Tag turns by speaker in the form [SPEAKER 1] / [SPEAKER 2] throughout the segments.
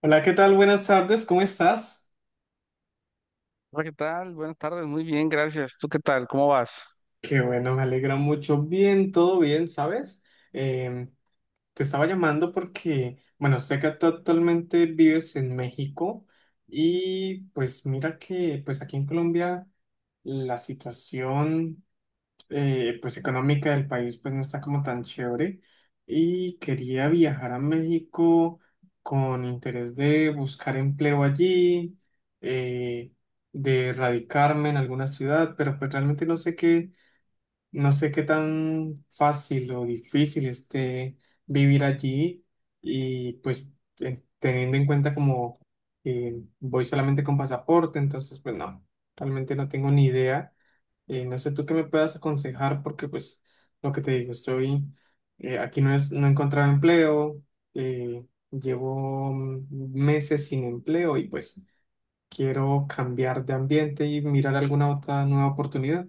[SPEAKER 1] Hola, ¿qué tal? Buenas tardes, ¿cómo estás?
[SPEAKER 2] Hola, ¿qué tal? Buenas tardes, muy bien, gracias. ¿Tú qué tal? ¿Cómo vas?
[SPEAKER 1] Qué bueno, me alegra mucho. Bien, todo bien, ¿sabes? Em, Te estaba llamando porque, bueno, sé que tú actualmente vives en México y pues mira que pues aquí en Colombia la situación pues económica del país pues no está como tan chévere y quería viajar a México con interés de buscar empleo allí, eh, de radicarme en alguna ciudad, pero pues realmente no sé qué tan fácil o difícil esté vivir allí y pues teniendo en cuenta como que voy solamente con pasaporte, entonces pues no, realmente no tengo ni idea. No sé tú qué me puedas aconsejar porque pues lo que te digo, estoy aquí no es, no he encontrado empleo, eh, llevo meses sin empleo y pues quiero cambiar de ambiente y mirar alguna otra nueva oportunidad.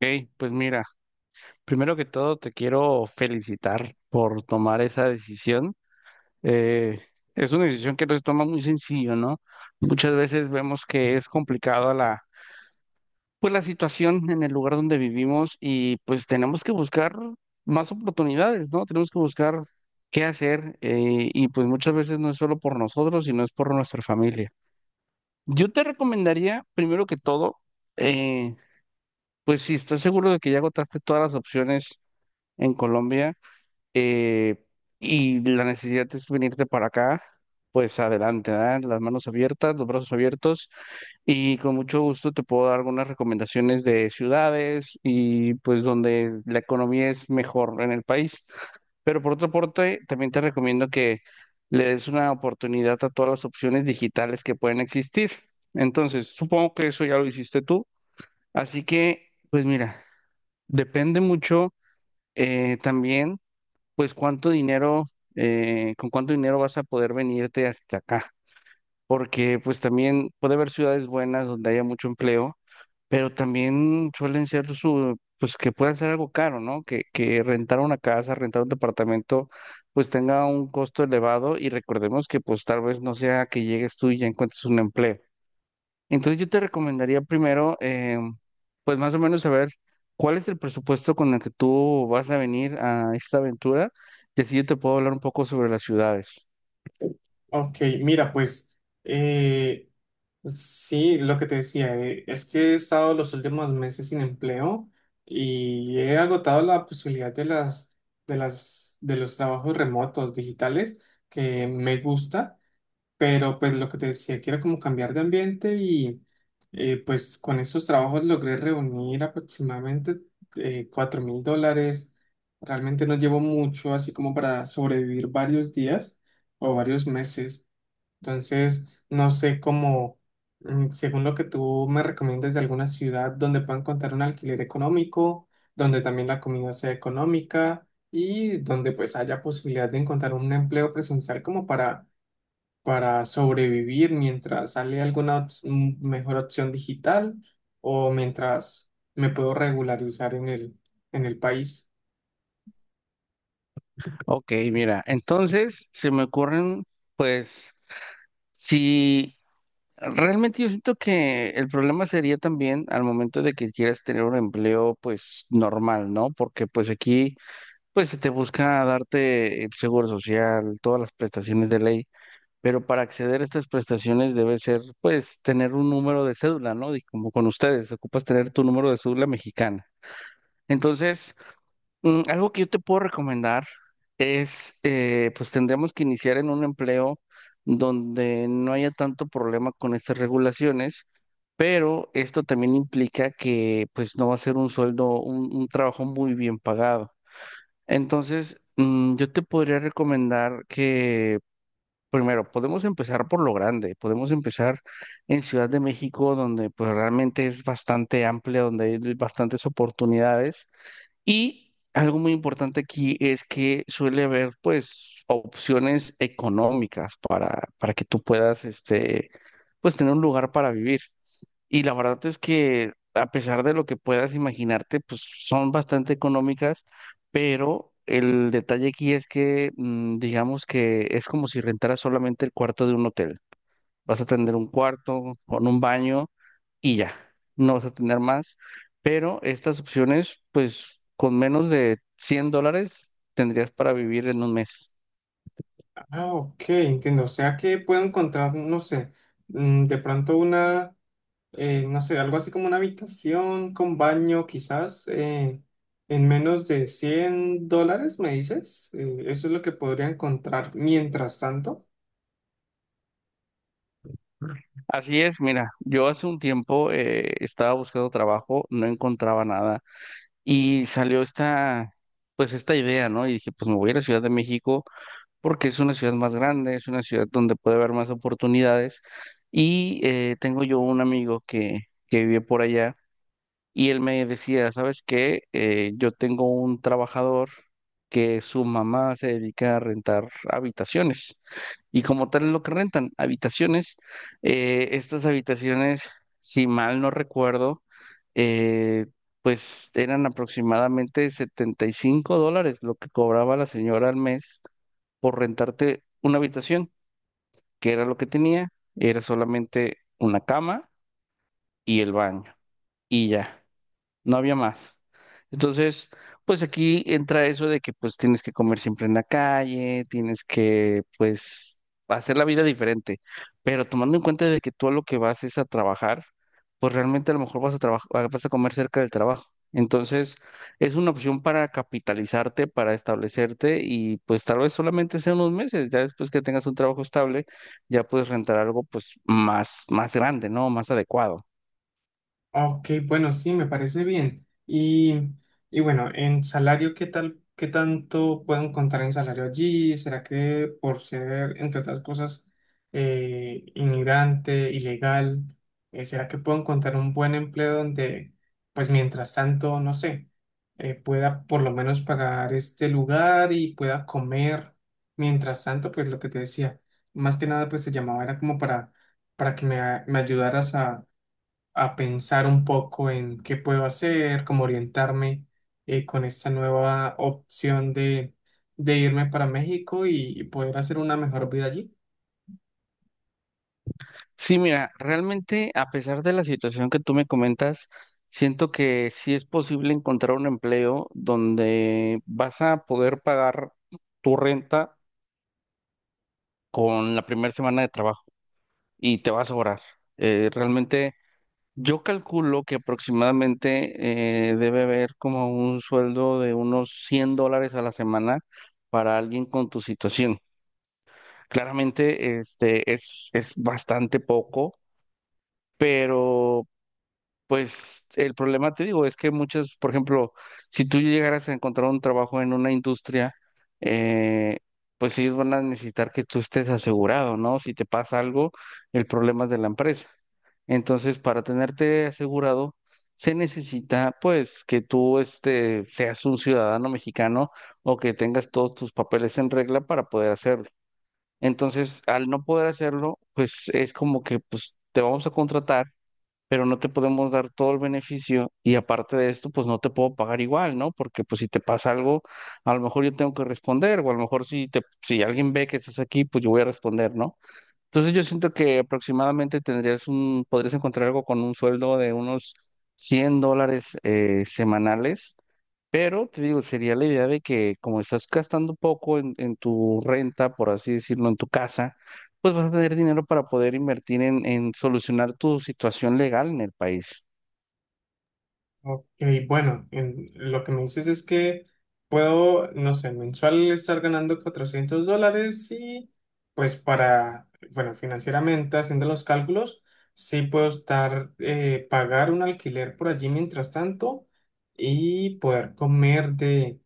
[SPEAKER 2] Ok, pues mira, primero que todo te quiero felicitar por tomar esa decisión. Eh, es una decisión que no se toma muy sencillo, ¿no? Muchas veces vemos que es complicado la situación en el lugar donde vivimos y pues tenemos que buscar más oportunidades, ¿no? Tenemos que buscar qué hacer y pues muchas veces no es solo por nosotros, sino es por nuestra familia. Yo te recomendaría, primero que todo, eh, Pues sí, estoy seguro de que ya agotaste todas las opciones en Colombia, eh, y la necesidad es venirte para acá, pues adelante, ¿verdad? Las manos abiertas, los brazos abiertos, y con mucho gusto te puedo dar algunas recomendaciones de ciudades y pues donde la economía es mejor en el país. Pero por otra parte, también te recomiendo que le des una oportunidad a todas las opciones digitales que pueden existir. Entonces, supongo que eso ya lo hiciste tú, así que. Pues mira, depende mucho también, pues cuánto dinero, con cuánto dinero vas a poder venirte hasta acá, porque pues también puede haber ciudades buenas donde haya mucho empleo, pero también suelen ser pues que pueda ser algo caro, ¿no? Que rentar una casa, rentar un departamento, pues tenga un costo elevado, y recordemos que pues tal vez no sea que llegues tú y ya encuentres un empleo. Entonces yo te recomendaría primero, pues más o menos saber cuál es el presupuesto con el que tú vas a venir a esta aventura, y así yo te puedo hablar un poco sobre las ciudades.
[SPEAKER 1] Ok, mira, pues eh, sí, lo que te decía, es que he estado los últimos meses sin empleo y he agotado la posibilidad de los trabajos remotos digitales que me gusta. Pero pues lo que te decía, que era como cambiar de ambiente y pues con esos trabajos logré reunir aproximadamente 4 mil dólares. Realmente no llevo mucho así como para sobrevivir varios días o varios meses. Entonces, no sé cómo, según lo que tú me recomiendas de alguna ciudad donde puedan encontrar un alquiler económico, donde también la comida sea económica y donde pues haya posibilidad de encontrar un empleo presencial como para sobrevivir mientras sale alguna mejor opción digital o mientras me puedo regularizar en el país.
[SPEAKER 2] Ok, mira, entonces se me ocurren, pues, si realmente yo siento que el problema sería también al momento de que quieras tener un empleo, pues, normal, ¿no? Porque pues aquí, pues, se te busca darte el seguro social, todas las prestaciones de ley, pero para acceder a estas prestaciones debe ser, pues, tener un número de cédula, ¿no? Y como con ustedes, ocupas tener tu número de cédula mexicana. Entonces, algo que yo te puedo recomendar es, pues, tendríamos que iniciar en un empleo donde no haya tanto problema con estas regulaciones, pero esto también implica que, pues, no va a ser un sueldo, un trabajo muy bien pagado. Entonces, yo te podría recomendar que primero, podemos empezar por lo grande, podemos empezar en Ciudad de México, donde pues realmente es bastante amplia, donde hay bastantes oportunidades. Y algo muy importante aquí es que suele haber pues opciones económicas para que tú puedas este, pues tener un lugar para vivir. Y la verdad es que a pesar de lo que puedas imaginarte, pues son bastante económicas, pero el detalle aquí es que digamos que es como si rentaras solamente el cuarto de un hotel. Vas a tener un cuarto con un baño y ya, no vas a tener más, pero estas opciones, pues con menos de $100 tendrías para vivir en un mes.
[SPEAKER 1] Ah, ok, entiendo. O sea que puedo encontrar, no sé, de pronto no sé, algo así como una habitación con baño, quizás en menos de 100 dólares, me dices. Eso es lo que podría encontrar mientras tanto.
[SPEAKER 2] Así es, mira, yo hace un tiempo estaba buscando trabajo, no encontraba nada. Y salió esta idea, ¿no? Y dije, pues me voy a la Ciudad de México porque es una ciudad más grande, es una ciudad donde puede haber más oportunidades. Y tengo yo un amigo que vive por allá, y él me decía, ¿sabes qué? Yo tengo un trabajador que su mamá se dedica a rentar habitaciones. Y como tal es lo que rentan, habitaciones. Estas habitaciones, si mal no recuerdo, eh, pues eran aproximadamente $75 lo que cobraba la señora al mes por rentarte una habitación, que era lo que tenía, era solamente una cama y el baño. Y ya, no había más. Entonces, pues aquí entra eso de que pues tienes que comer siempre en la calle, tienes que pues hacer la vida diferente, pero tomando en cuenta de que tú a lo que vas es a trabajar, pues realmente a lo mejor vas a trabajar, vas a comer cerca del trabajo. Entonces, es una opción para capitalizarte, para establecerte, y pues tal vez solamente sea unos meses, ya después que tengas un trabajo estable, ya puedes rentar algo pues más grande, ¿no? Más adecuado.
[SPEAKER 1] Ok, bueno, sí, me parece bien. Y bueno, en salario, ¿qué tal, qué tanto pueden contar en salario allí? ¿Será que por ser, entre otras cosas, inmigrante, ilegal, será que puedo encontrar un buen empleo donde, pues mientras tanto, no sé, pueda por lo menos pagar este lugar y pueda comer? Mientras tanto, pues lo que te decía, más que nada, pues te llamaba era como para que me ayudaras a pensar un poco en qué puedo hacer, cómo orientarme con esta nueva opción de irme para México y poder hacer una mejor vida allí.
[SPEAKER 2] Sí, mira, realmente a pesar de la situación que tú me comentas, siento que sí es posible encontrar un empleo donde vas a poder pagar tu renta con la primera semana de trabajo y te va a sobrar. Realmente yo calculo que aproximadamente debe haber como un sueldo de unos $100 a la semana para alguien con tu situación. Claramente, este es bastante poco, pero pues el problema, te digo, es que muchas, por ejemplo, si tú llegaras a encontrar un trabajo en una industria, eh, pues ellos van a necesitar que tú estés asegurado, ¿no? Si te pasa algo, el problema es de la empresa. Entonces, para tenerte asegurado, se necesita, pues, que tú este, seas un ciudadano mexicano o que tengas todos tus papeles en regla para poder hacerlo. Entonces, al no poder hacerlo, pues es como que, pues, te vamos a contratar, pero no te podemos dar todo el beneficio, y aparte de esto, pues no te puedo pagar igual, ¿no? Porque pues si te pasa algo, a lo mejor yo tengo que responder, o a lo mejor si alguien ve que estás aquí, pues yo voy a responder, ¿no? Entonces yo siento que aproximadamente tendrías podrías encontrar algo con un sueldo de unos $100 semanales, pero te digo, sería la idea de que como estás gastando poco en tu renta, por así decirlo, en, tu casa, pues vas a tener dinero para poder invertir en solucionar tu situación legal en el país.
[SPEAKER 1] Ok, bueno, lo que me dices es que puedo, no sé, mensual estar ganando 400 dólares y pues para, bueno, financieramente haciendo los cálculos, sí puedo estar, pagar un alquiler por allí mientras tanto y poder comer de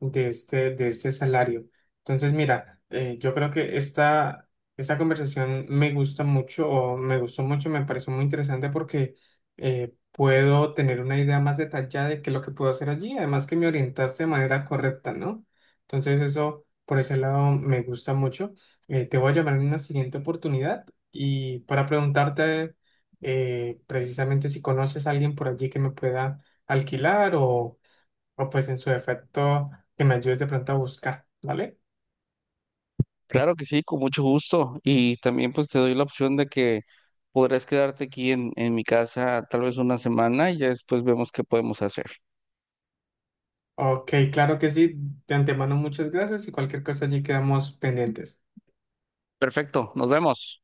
[SPEAKER 1] de este salario. Entonces, mira, yo creo que esta conversación me gusta mucho o me gustó mucho, me pareció muy interesante porque puedo tener una idea más detallada de qué es lo que puedo hacer allí, además que me orientaste de manera correcta, ¿no? Entonces, eso por ese lado me gusta mucho. Te voy a llamar en una siguiente oportunidad y para preguntarte precisamente si conoces a alguien por allí que me pueda alquilar o pues en su defecto que me ayudes de pronto a buscar, ¿vale?
[SPEAKER 2] Claro que sí, con mucho gusto. Y también pues te doy la opción de que podrás quedarte aquí en mi casa tal vez una semana y ya después vemos qué podemos hacer.
[SPEAKER 1] Ok, claro que sí. De antemano muchas gracias y cualquier cosa allí quedamos pendientes.
[SPEAKER 2] Perfecto, nos vemos.